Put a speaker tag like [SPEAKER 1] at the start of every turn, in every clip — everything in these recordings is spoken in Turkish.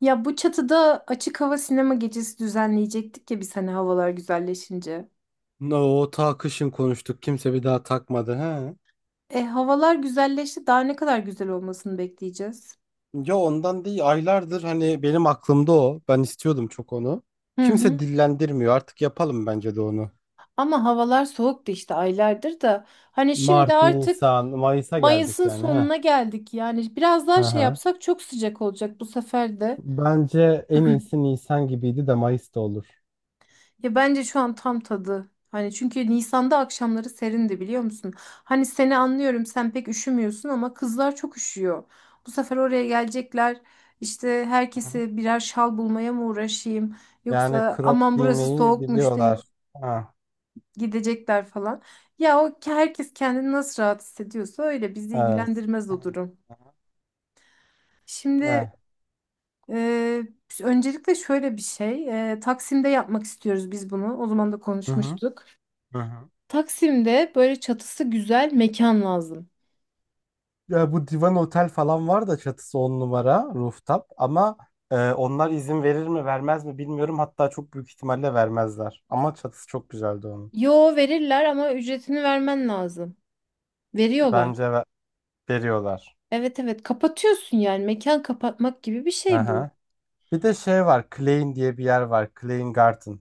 [SPEAKER 1] Ya bu çatıda açık hava sinema gecesi düzenleyecektik ya biz hani havalar güzelleşince.
[SPEAKER 2] No, o ta kışın konuştuk. Kimse bir daha takmadı. He.
[SPEAKER 1] E havalar güzelleşti daha ne kadar güzel olmasını bekleyeceğiz.
[SPEAKER 2] Ya ondan değil. Aylardır hani benim aklımda o. Ben istiyordum çok onu.
[SPEAKER 1] Hı
[SPEAKER 2] Kimse
[SPEAKER 1] hı.
[SPEAKER 2] dillendirmiyor. Artık yapalım bence de onu.
[SPEAKER 1] Ama havalar soğuktu işte aylardır da. Hani şimdi
[SPEAKER 2] Mart,
[SPEAKER 1] artık
[SPEAKER 2] Nisan, Mayıs'a geldik
[SPEAKER 1] Mayıs'ın
[SPEAKER 2] yani. Ha.
[SPEAKER 1] sonuna geldik yani biraz daha şey
[SPEAKER 2] Aha.
[SPEAKER 1] yapsak çok sıcak olacak bu sefer de.
[SPEAKER 2] Bence en iyisi Nisan gibiydi de Mayıs da olur.
[SPEAKER 1] Ya bence şu an tam tadı. Hani çünkü Nisan'da akşamları serindi biliyor musun? Hani seni anlıyorum sen pek üşümüyorsun ama kızlar çok üşüyor. Bu sefer oraya gelecekler. İşte
[SPEAKER 2] Hı.
[SPEAKER 1] herkese birer şal bulmaya mı uğraşayım?
[SPEAKER 2] Yani
[SPEAKER 1] Yoksa
[SPEAKER 2] crop
[SPEAKER 1] aman burası
[SPEAKER 2] giymeyi
[SPEAKER 1] soğukmuş
[SPEAKER 2] biliyorlar.
[SPEAKER 1] deyip
[SPEAKER 2] Ha.
[SPEAKER 1] gidecekler falan. Ya o herkes kendini nasıl rahat hissediyorsa öyle bizi
[SPEAKER 2] Evet.
[SPEAKER 1] ilgilendirmez o
[SPEAKER 2] Aha.
[SPEAKER 1] durum. Şimdi
[SPEAKER 2] Ne?
[SPEAKER 1] e, öncelikle şöyle bir şey. Taksim'de yapmak istiyoruz biz bunu. O zaman da
[SPEAKER 2] Hı hı.
[SPEAKER 1] konuşmuştuk.
[SPEAKER 2] Hı hı.
[SPEAKER 1] Taksim'de böyle çatısı güzel mekan lazım.
[SPEAKER 2] Ya bu Divan Otel falan var da çatısı on numara rooftop ama onlar izin verir mi vermez mi bilmiyorum. Hatta çok büyük ihtimalle vermezler. Ama çatısı çok güzeldi onun.
[SPEAKER 1] Yo verirler ama ücretini vermen lazım. Veriyorlar.
[SPEAKER 2] Bence veriyorlar.
[SPEAKER 1] Evet evet, kapatıyorsun yani mekan kapatmak gibi bir şey bu.
[SPEAKER 2] Aha. Bir de şey var, Klein diye bir yer var. Klein Garden.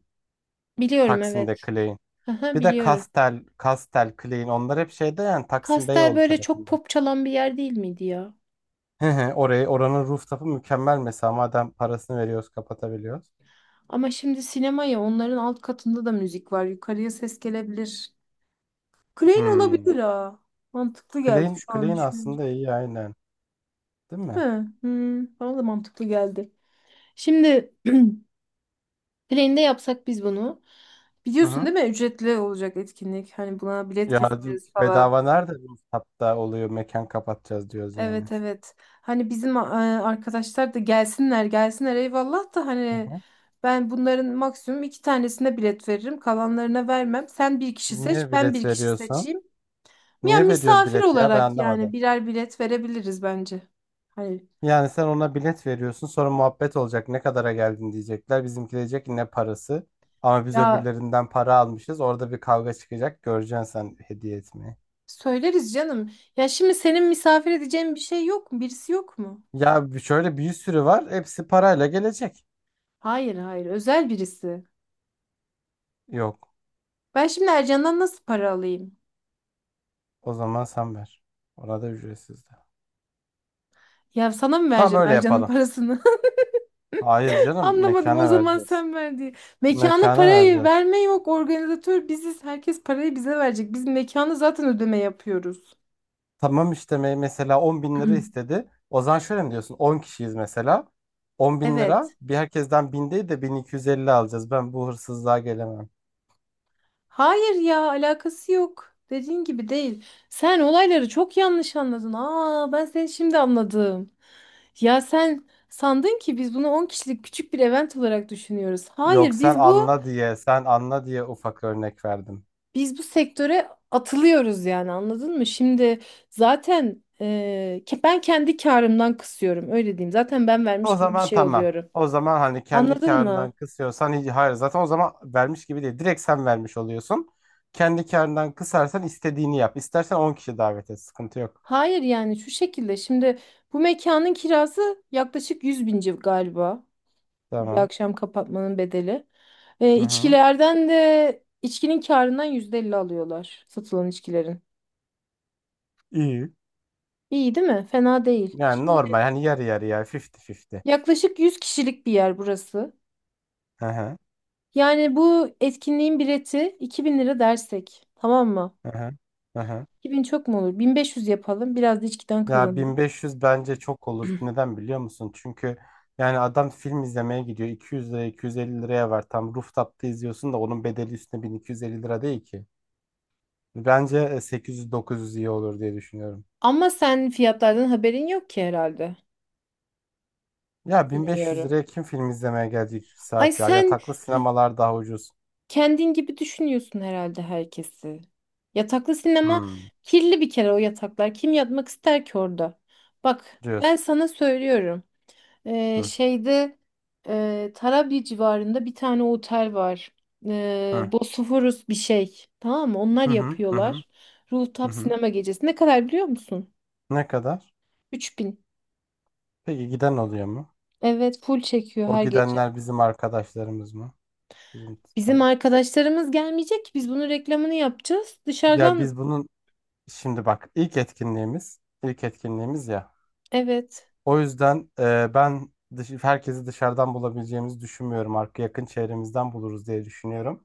[SPEAKER 1] Biliyorum
[SPEAKER 2] Taksim'de
[SPEAKER 1] evet.
[SPEAKER 2] Klein.
[SPEAKER 1] Aha,
[SPEAKER 2] Bir de
[SPEAKER 1] biliyorum.
[SPEAKER 2] Kastel, Kastel, Klein, onlar hep şeyde yani Taksim
[SPEAKER 1] Kastel
[SPEAKER 2] Beyoğlu
[SPEAKER 1] böyle çok
[SPEAKER 2] tarafında.
[SPEAKER 1] pop çalan bir yer değil miydi ya?
[SPEAKER 2] Hı hı. Oranın rooftop'u mükemmel mesela, madem parasını veriyoruz kapatabiliyoruz.
[SPEAKER 1] Ama şimdi sinema ya onların alt katında da müzik var. Yukarıya ses gelebilir. Klein
[SPEAKER 2] Hmm.
[SPEAKER 1] olabilir ha. Mantıklı geldi
[SPEAKER 2] Klein,
[SPEAKER 1] şu an
[SPEAKER 2] Klein
[SPEAKER 1] düşününce.
[SPEAKER 2] aslında iyi aynen. Değil mi?
[SPEAKER 1] Değil mi? Hmm, bana da mantıklı geldi. Şimdi Plane'de yapsak biz bunu.
[SPEAKER 2] Hı
[SPEAKER 1] Biliyorsun
[SPEAKER 2] hı.
[SPEAKER 1] değil mi? Ücretli olacak etkinlik. Hani buna bilet
[SPEAKER 2] Ya
[SPEAKER 1] keseceğiz falan.
[SPEAKER 2] bedava nerede? Bu hatta oluyor, mekan kapatacağız diyoruz
[SPEAKER 1] Evet
[SPEAKER 2] yani.
[SPEAKER 1] evet. Hani bizim arkadaşlar da gelsinler gelsinler eyvallah da
[SPEAKER 2] Hı
[SPEAKER 1] hani
[SPEAKER 2] hı.
[SPEAKER 1] ben bunların maksimum iki tanesine bilet veririm. Kalanlarına vermem. Sen bir kişi seç,
[SPEAKER 2] Niye
[SPEAKER 1] ben
[SPEAKER 2] bilet
[SPEAKER 1] bir kişi
[SPEAKER 2] veriyorsun?
[SPEAKER 1] seçeyim. Ya
[SPEAKER 2] Niye veriyoruz
[SPEAKER 1] misafir
[SPEAKER 2] bilet ya, ben
[SPEAKER 1] olarak yani
[SPEAKER 2] anlamadım.
[SPEAKER 1] birer bilet verebiliriz bence. Hani
[SPEAKER 2] Yani sen ona bilet veriyorsun, sonra muhabbet olacak, ne kadara geldin diyecekler. Bizimki diyecek ki ne parası. Ama biz
[SPEAKER 1] ya
[SPEAKER 2] öbürlerinden para almışız. Orada bir kavga çıkacak. Göreceksin sen hediye etmeyi.
[SPEAKER 1] söyleriz canım. Ya şimdi senin misafir edeceğin bir şey yok mu? Birisi yok mu?
[SPEAKER 2] Ya şöyle bir sürü var. Hepsi parayla gelecek.
[SPEAKER 1] Hayır hayır, özel birisi.
[SPEAKER 2] Yok.
[SPEAKER 1] Ben şimdi Ercan'dan nasıl para alayım?
[SPEAKER 2] O zaman sen ver. Ona da ücretsiz de.
[SPEAKER 1] Ya sana mı
[SPEAKER 2] Tamam
[SPEAKER 1] vereceğim
[SPEAKER 2] öyle
[SPEAKER 1] Ercan'ın
[SPEAKER 2] yapalım.
[SPEAKER 1] parasını?
[SPEAKER 2] Hayır canım,
[SPEAKER 1] Anlamadım o
[SPEAKER 2] mekana
[SPEAKER 1] zaman
[SPEAKER 2] vereceğiz.
[SPEAKER 1] sen ver diye. Mekana
[SPEAKER 2] Mekana
[SPEAKER 1] parayı
[SPEAKER 2] vereceğiz.
[SPEAKER 1] verme yok. Organizatör biziz. Herkes parayı bize verecek. Biz mekanı zaten ödeme yapıyoruz.
[SPEAKER 2] Tamam işte mesela 10 bin lira istedi. O zaman şöyle mi diyorsun? 10 kişiyiz mesela. 10 bin lira
[SPEAKER 1] Evet.
[SPEAKER 2] bir, herkesten bin değil de 1250 alacağız. Ben bu hırsızlığa gelemem.
[SPEAKER 1] Hayır ya alakası yok. Dediğin gibi değil. Sen olayları çok yanlış anladın. Aa, ben seni şimdi anladım. Ya sen sandın ki biz bunu 10 kişilik küçük bir event olarak düşünüyoruz.
[SPEAKER 2] Yok,
[SPEAKER 1] Hayır,
[SPEAKER 2] sen
[SPEAKER 1] biz bu
[SPEAKER 2] anla diye sen anla diye ufak örnek verdim.
[SPEAKER 1] biz bu sektöre atılıyoruz yani anladın mı? Şimdi zaten ben kendi karımdan kısıyorum öyle diyeyim. Zaten ben
[SPEAKER 2] O
[SPEAKER 1] vermiş gibi bir
[SPEAKER 2] zaman
[SPEAKER 1] şey
[SPEAKER 2] tamam.
[SPEAKER 1] oluyorum.
[SPEAKER 2] O zaman hani kendi
[SPEAKER 1] Anladın
[SPEAKER 2] karından
[SPEAKER 1] mı?
[SPEAKER 2] kısıyorsan hiç, hayır zaten o zaman vermiş gibi değil. Direkt sen vermiş oluyorsun. Kendi karından kısarsan istediğini yap. İstersen 10 kişi davet et. Sıkıntı yok.
[SPEAKER 1] Hayır yani şu şekilde şimdi bu mekanın kirası yaklaşık 100 bin galiba. Bir
[SPEAKER 2] Tamam.
[SPEAKER 1] akşam kapatmanın bedeli. E,
[SPEAKER 2] Hı hı.
[SPEAKER 1] içkilerden de içkinin karından %50 alıyorlar satılan içkilerin.
[SPEAKER 2] İyi.
[SPEAKER 1] İyi değil mi? Fena değil.
[SPEAKER 2] Yani
[SPEAKER 1] Şimdi
[SPEAKER 2] normal, hani yarı yarıya, 50-50.
[SPEAKER 1] yaklaşık 100 kişilik bir yer burası.
[SPEAKER 2] Hı hı,
[SPEAKER 1] Yani bu etkinliğin bileti 2000 lira dersek. Tamam mı?
[SPEAKER 2] hı hı, hı hı.
[SPEAKER 1] 2000 çok mu olur? 1500 yapalım. Biraz da içkiden
[SPEAKER 2] Ya
[SPEAKER 1] kazanırız.
[SPEAKER 2] 1500 bence çok olur. Neden biliyor musun? Çünkü yani adam film izlemeye gidiyor. 200 liraya, 250 liraya var. Tam rooftop'ta izliyorsun da onun bedeli üstüne 1250 lira değil ki. Bence 800-900 iyi olur diye düşünüyorum.
[SPEAKER 1] Ama sen fiyatlardan haberin yok ki herhalde.
[SPEAKER 2] Ya 1500
[SPEAKER 1] Bilmiyorum.
[SPEAKER 2] liraya kim film izlemeye gelecek 2
[SPEAKER 1] Ay
[SPEAKER 2] saat ya?
[SPEAKER 1] sen
[SPEAKER 2] Yataklı sinemalar daha ucuz.
[SPEAKER 1] kendin gibi düşünüyorsun herhalde herkesi. Yataklı sinema
[SPEAKER 2] Hmm,
[SPEAKER 1] kirli bir kere o yataklar. Kim yatmak ister ki orada? Bak ben
[SPEAKER 2] diyorsun.
[SPEAKER 1] sana söylüyorum. Ee,
[SPEAKER 2] Hı
[SPEAKER 1] şeyde Tarabya civarında bir tane otel var.
[SPEAKER 2] hı,
[SPEAKER 1] Bosphorus bir şey. Tamam mı? Onlar
[SPEAKER 2] hı hı, hı hı.
[SPEAKER 1] yapıyorlar.
[SPEAKER 2] Hı
[SPEAKER 1] Rooftop
[SPEAKER 2] hı.
[SPEAKER 1] sinema gecesi. Ne kadar biliyor musun?
[SPEAKER 2] Ne kadar?
[SPEAKER 1] 3000.
[SPEAKER 2] Peki giden oluyor mu?
[SPEAKER 1] Evet, full çekiyor
[SPEAKER 2] O
[SPEAKER 1] her gece.
[SPEAKER 2] gidenler bizim arkadaşlarımız mı? Bizim
[SPEAKER 1] Bizim
[SPEAKER 2] tar-
[SPEAKER 1] arkadaşlarımız gelmeyecek ki biz bunun reklamını yapacağız.
[SPEAKER 2] Ya
[SPEAKER 1] Dışarıdan
[SPEAKER 2] biz bunun şimdi bak, ilk etkinliğimiz, ilk etkinliğimiz ya.
[SPEAKER 1] evet.
[SPEAKER 2] O yüzden ben herkesi dışarıdan bulabileceğimizi düşünmüyorum. Yakın çevremizden buluruz diye düşünüyorum.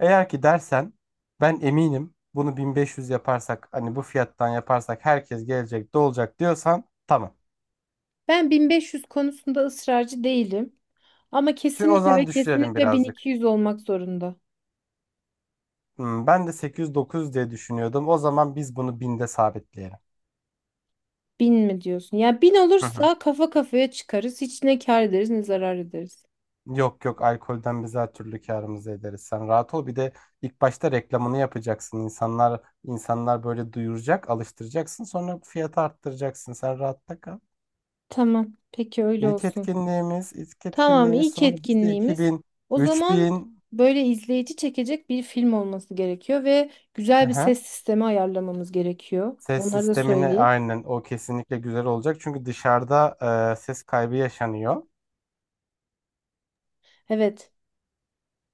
[SPEAKER 2] Eğer ki dersen, ben eminim bunu 1500 yaparsak, hani bu fiyattan yaparsak herkes gelecek dolacak diyorsan, tamam.
[SPEAKER 1] Ben 1500 konusunda ısrarcı değilim. Ama
[SPEAKER 2] Çünkü o
[SPEAKER 1] kesinlikle ve
[SPEAKER 2] zaman düşürelim
[SPEAKER 1] kesinlikle bin
[SPEAKER 2] birazcık.
[SPEAKER 1] iki yüz olmak zorunda.
[SPEAKER 2] Hmm, ben de 800-900 diye düşünüyordum. O zaman biz bunu 1000'de sabitleyelim.
[SPEAKER 1] Bin mi diyorsun? Ya bin
[SPEAKER 2] Hı hı.
[SPEAKER 1] olursa kafa kafaya çıkarız. Hiç ne kâr ederiz ne zarar ederiz.
[SPEAKER 2] Yok yok, alkolden biz her türlü karımızı ederiz. Sen rahat ol. Bir de ilk başta reklamını yapacaksın. İnsanlar, insanlar böyle duyuracak, alıştıracaksın. Sonra fiyatı arttıracaksın. Sen rahatta kal.
[SPEAKER 1] Tamam. Peki öyle
[SPEAKER 2] İlk
[SPEAKER 1] olsun.
[SPEAKER 2] etkinliğimiz, ilk
[SPEAKER 1] Tamam,
[SPEAKER 2] etkinliğimiz.
[SPEAKER 1] ilk
[SPEAKER 2] Sonra biz de
[SPEAKER 1] etkinliğimiz.
[SPEAKER 2] 2000,
[SPEAKER 1] O zaman
[SPEAKER 2] 3000.
[SPEAKER 1] böyle izleyici çekecek bir film olması gerekiyor ve güzel bir
[SPEAKER 2] Aha,
[SPEAKER 1] ses sistemi ayarlamamız gerekiyor.
[SPEAKER 2] ses
[SPEAKER 1] Onları da
[SPEAKER 2] sistemini
[SPEAKER 1] söyleyeyim.
[SPEAKER 2] aynen, o kesinlikle güzel olacak. Çünkü dışarıda ses kaybı yaşanıyor.
[SPEAKER 1] Evet.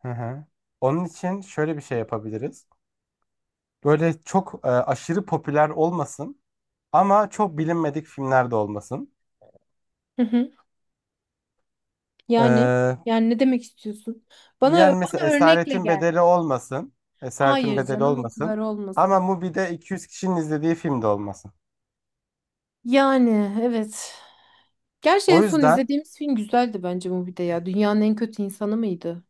[SPEAKER 2] Hı hı. Onun için şöyle bir şey yapabiliriz. Böyle çok aşırı popüler olmasın. Ama çok bilinmedik filmler de olmasın.
[SPEAKER 1] Hı hı. Yani
[SPEAKER 2] Ee,
[SPEAKER 1] yani ne demek istiyorsun? Bana
[SPEAKER 2] Yani mesela
[SPEAKER 1] bana örnekle
[SPEAKER 2] Esaretin
[SPEAKER 1] gel.
[SPEAKER 2] Bedeli olmasın. Esaretin
[SPEAKER 1] Hayır
[SPEAKER 2] Bedeli
[SPEAKER 1] canım o kadar
[SPEAKER 2] olmasın. Ama
[SPEAKER 1] olmasın.
[SPEAKER 2] Mubi'de 200 kişinin izlediği film de olmasın.
[SPEAKER 1] Yani evet. Gerçi en
[SPEAKER 2] O
[SPEAKER 1] son
[SPEAKER 2] yüzden
[SPEAKER 1] izlediğimiz film güzeldi bence Mubi'de ya. Dünyanın en kötü insanı mıydı?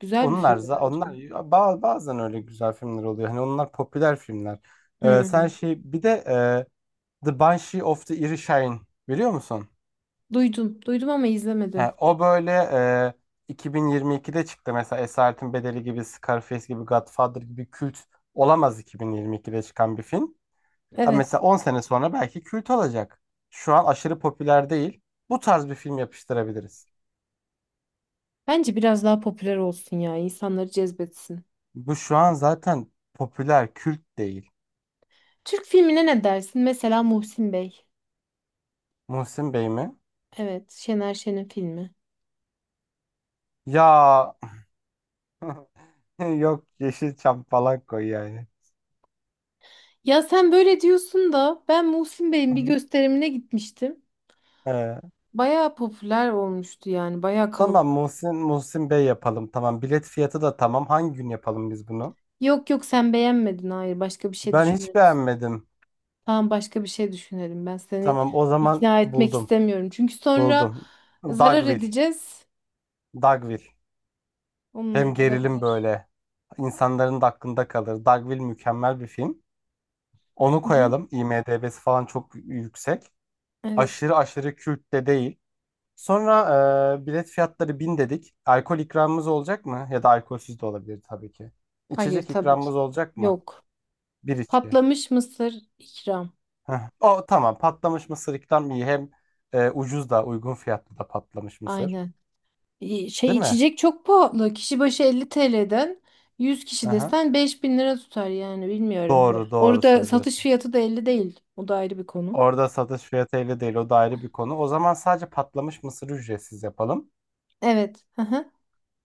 [SPEAKER 1] Güzel bir
[SPEAKER 2] onlar
[SPEAKER 1] filmdi
[SPEAKER 2] za-
[SPEAKER 1] bence.
[SPEAKER 2] onlar ba- bazen öyle güzel filmler oluyor. Hani onlar popüler filmler. Sen
[SPEAKER 1] Hmm.
[SPEAKER 2] şey, bir de The Banshee of the Inisherin biliyor musun?
[SPEAKER 1] Duydum. Duydum ama
[SPEAKER 2] He,
[SPEAKER 1] izlemedim.
[SPEAKER 2] o böyle, 2022'de çıktı mesela. Esaretin Bedeli gibi, Scarface gibi, Godfather gibi kült olamaz 2022'de çıkan bir film. Abi
[SPEAKER 1] Evet.
[SPEAKER 2] mesela 10 sene sonra belki kült olacak. Şu an aşırı popüler değil. Bu tarz bir film yapıştırabiliriz.
[SPEAKER 1] Bence biraz daha popüler olsun ya. İnsanları cezbetsin.
[SPEAKER 2] Bu şu an zaten popüler kült değil.
[SPEAKER 1] Türk filmine ne dersin? Mesela Muhsin Bey.
[SPEAKER 2] Muhsin Bey mi?
[SPEAKER 1] Evet. Şener Şen'in filmi.
[SPEAKER 2] Ya yok, Yeşilçam falan koy yani.
[SPEAKER 1] Ya sen böyle diyorsun da ben Muhsin
[SPEAKER 2] Hı
[SPEAKER 1] Bey'in bir
[SPEAKER 2] hı.
[SPEAKER 1] gösterimine gitmiştim.
[SPEAKER 2] Ee,
[SPEAKER 1] Bayağı popüler olmuştu yani. Bayağı
[SPEAKER 2] tamam,
[SPEAKER 1] kalabalık.
[SPEAKER 2] Muhsin Bey yapalım. Tamam, bilet fiyatı da tamam. Hangi gün yapalım biz bunu?
[SPEAKER 1] Yok yok, sen beğenmedin. Hayır, başka bir şey
[SPEAKER 2] Ben hiç
[SPEAKER 1] düşünürüz.
[SPEAKER 2] beğenmedim.
[SPEAKER 1] Tamam, başka bir şey düşünelim. Ben seni
[SPEAKER 2] Tamam, o zaman
[SPEAKER 1] ikna etmek
[SPEAKER 2] buldum.
[SPEAKER 1] istemiyorum. Çünkü sonra
[SPEAKER 2] Buldum.
[SPEAKER 1] zarar
[SPEAKER 2] Dogville.
[SPEAKER 1] edeceğiz.
[SPEAKER 2] Dogville.
[SPEAKER 1] Hmm,
[SPEAKER 2] Hem gerilim
[SPEAKER 1] olabilir.
[SPEAKER 2] böyle, insanların da aklında kalır. Dogville mükemmel bir film. Onu
[SPEAKER 1] Hı hı.
[SPEAKER 2] koyalım. IMDb'si falan çok yüksek.
[SPEAKER 1] Evet.
[SPEAKER 2] Aşırı aşırı kült de değil. Sonra bilet fiyatları 1000 dedik. Alkol ikramımız olacak mı? Ya da alkolsüz de olabilir tabii ki.
[SPEAKER 1] Hayır
[SPEAKER 2] İçecek
[SPEAKER 1] tabii ki.
[SPEAKER 2] ikramımız olacak mı?
[SPEAKER 1] Yok.
[SPEAKER 2] Bir içki.
[SPEAKER 1] Patlamış mısır ikram.
[SPEAKER 2] Heh. O tamam. Patlamış mısır ikram iyi. Hem ucuz da, uygun fiyatlı da patlamış mısır.
[SPEAKER 1] Aynen. Şey
[SPEAKER 2] Değil mi?
[SPEAKER 1] içecek çok pahalı. Kişi başı 50 TL'den 100
[SPEAKER 2] Hı
[SPEAKER 1] kişi
[SPEAKER 2] hı.
[SPEAKER 1] desen 5000 lira tutar yani bilmiyorum.
[SPEAKER 2] Doğru doğru
[SPEAKER 1] Orada satış
[SPEAKER 2] söylüyorsun.
[SPEAKER 1] fiyatı da 50 değil. O da ayrı bir konu.
[SPEAKER 2] Orada satış fiyatıyla değil, o da ayrı bir konu. O zaman sadece patlamış mısırı ücretsiz yapalım.
[SPEAKER 1] Evet. Hı hı.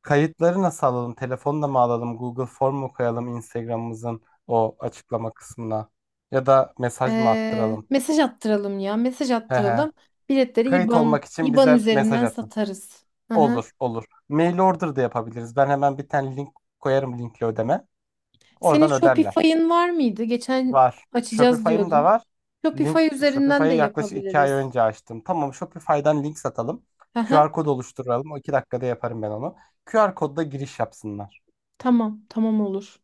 [SPEAKER 2] Kayıtları nasıl alalım? Telefonla mı alalım? Google Form mu koyalım Instagram'ımızın o açıklama kısmına? Ya da mesaj mı
[SPEAKER 1] Ee,
[SPEAKER 2] attıralım?
[SPEAKER 1] mesaj attıralım ya. Mesaj
[SPEAKER 2] He he.
[SPEAKER 1] attıralım. Biletleri
[SPEAKER 2] Kayıt
[SPEAKER 1] IBAN
[SPEAKER 2] olmak için
[SPEAKER 1] IBAN
[SPEAKER 2] bize mesaj
[SPEAKER 1] üzerinden
[SPEAKER 2] atın.
[SPEAKER 1] satarız. Hı hı.
[SPEAKER 2] Olur olur. Mail order da yapabiliriz. Ben hemen bir tane link koyarım, linkli ödeme.
[SPEAKER 1] Senin
[SPEAKER 2] Oradan öderler.
[SPEAKER 1] Shopify'ın var mıydı? Geçen
[SPEAKER 2] Var.
[SPEAKER 1] açacağız
[SPEAKER 2] Shopify'ım da
[SPEAKER 1] diyordun.
[SPEAKER 2] var.
[SPEAKER 1] Shopify üzerinden de
[SPEAKER 2] Shopify'ı yaklaşık iki ay
[SPEAKER 1] yapabiliriz.
[SPEAKER 2] önce açtım. Tamam, Shopify'dan link satalım.
[SPEAKER 1] Hı hı.
[SPEAKER 2] QR kod oluşturalım. O 2 dakikada yaparım ben onu. QR kodla giriş yapsınlar.
[SPEAKER 1] Tamam, tamam olur.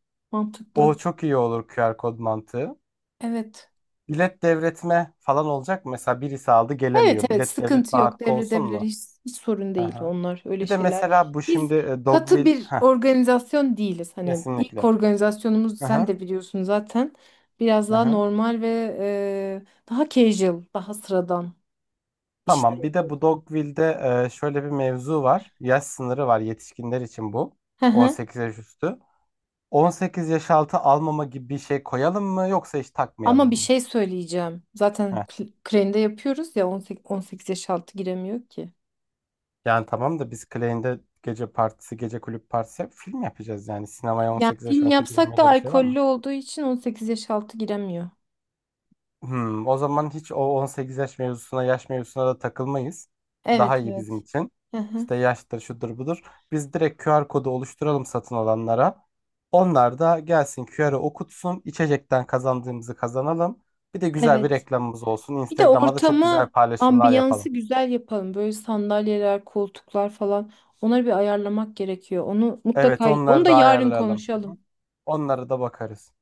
[SPEAKER 2] O
[SPEAKER 1] Mantıklı.
[SPEAKER 2] çok iyi olur, QR kod mantığı.
[SPEAKER 1] Evet.
[SPEAKER 2] Bilet devretme falan olacak mı? Mesela birisi aldı
[SPEAKER 1] Evet
[SPEAKER 2] gelemiyor.
[SPEAKER 1] evet,
[SPEAKER 2] Bilet
[SPEAKER 1] sıkıntı
[SPEAKER 2] devretme
[SPEAKER 1] yok,
[SPEAKER 2] hakkı olsun
[SPEAKER 1] devredebilir,
[SPEAKER 2] mu?
[SPEAKER 1] hiç sorun
[SPEAKER 2] Hı
[SPEAKER 1] değil
[SPEAKER 2] hı.
[SPEAKER 1] onlar öyle
[SPEAKER 2] Bir de
[SPEAKER 1] şeyler.
[SPEAKER 2] mesela bu
[SPEAKER 1] Biz
[SPEAKER 2] şimdi
[SPEAKER 1] katı
[SPEAKER 2] Dogville.
[SPEAKER 1] bir
[SPEAKER 2] Heh,
[SPEAKER 1] organizasyon değiliz. Hani ilk
[SPEAKER 2] kesinlikle.
[SPEAKER 1] organizasyonumuz
[SPEAKER 2] Hı
[SPEAKER 1] sen
[SPEAKER 2] hı.
[SPEAKER 1] de biliyorsun zaten biraz
[SPEAKER 2] Hı
[SPEAKER 1] daha
[SPEAKER 2] hı.
[SPEAKER 1] normal ve daha casual daha sıradan işler
[SPEAKER 2] Tamam. Bir de
[SPEAKER 1] yapıyoruz.
[SPEAKER 2] bu Dogville'de şöyle bir mevzu var. Yaş sınırı var yetişkinler için bu.
[SPEAKER 1] Hı hı.
[SPEAKER 2] 18 yaş üstü. 18 yaş altı almama gibi bir şey koyalım mı yoksa hiç takmayalım
[SPEAKER 1] Ama bir
[SPEAKER 2] mı?
[SPEAKER 1] şey söyleyeceğim. Zaten
[SPEAKER 2] Heh.
[SPEAKER 1] Crane'de yapıyoruz ya 18 yaş altı giremiyor ki.
[SPEAKER 2] Yani tamam da biz Clay'inde gece partisi, gece kulüp partisi yap, film yapacağız yani. Sinemaya
[SPEAKER 1] Yani
[SPEAKER 2] 18 yaş
[SPEAKER 1] film
[SPEAKER 2] altı
[SPEAKER 1] yapsak
[SPEAKER 2] giremeye
[SPEAKER 1] da
[SPEAKER 2] de bir şey var mı?
[SPEAKER 1] alkollü olduğu için 18 yaş altı giremiyor.
[SPEAKER 2] Hmm, o zaman hiç o 18 yaş mevzusuna, yaş mevzusuna da takılmayız.
[SPEAKER 1] Evet
[SPEAKER 2] Daha iyi bizim
[SPEAKER 1] evet.
[SPEAKER 2] için.
[SPEAKER 1] Hı hı.
[SPEAKER 2] İşte yaştır, şudur, budur. Biz direkt QR kodu oluşturalım satın alanlara. Onlar da gelsin, QR'ı okutsun. İçecekten kazandığımızı kazanalım. Bir de güzel bir
[SPEAKER 1] Evet.
[SPEAKER 2] reklamımız olsun.
[SPEAKER 1] Bir de
[SPEAKER 2] Instagram'a da çok güzel
[SPEAKER 1] ortamı,
[SPEAKER 2] paylaşımlar
[SPEAKER 1] ambiyansı
[SPEAKER 2] yapalım.
[SPEAKER 1] güzel yapalım. Böyle sandalyeler, koltuklar falan. Onları bir ayarlamak gerekiyor. Onu
[SPEAKER 2] Evet,
[SPEAKER 1] mutlaka, onu
[SPEAKER 2] onları
[SPEAKER 1] da
[SPEAKER 2] da
[SPEAKER 1] yarın
[SPEAKER 2] ayarlayalım.
[SPEAKER 1] konuşalım.
[SPEAKER 2] Onlara da bakarız.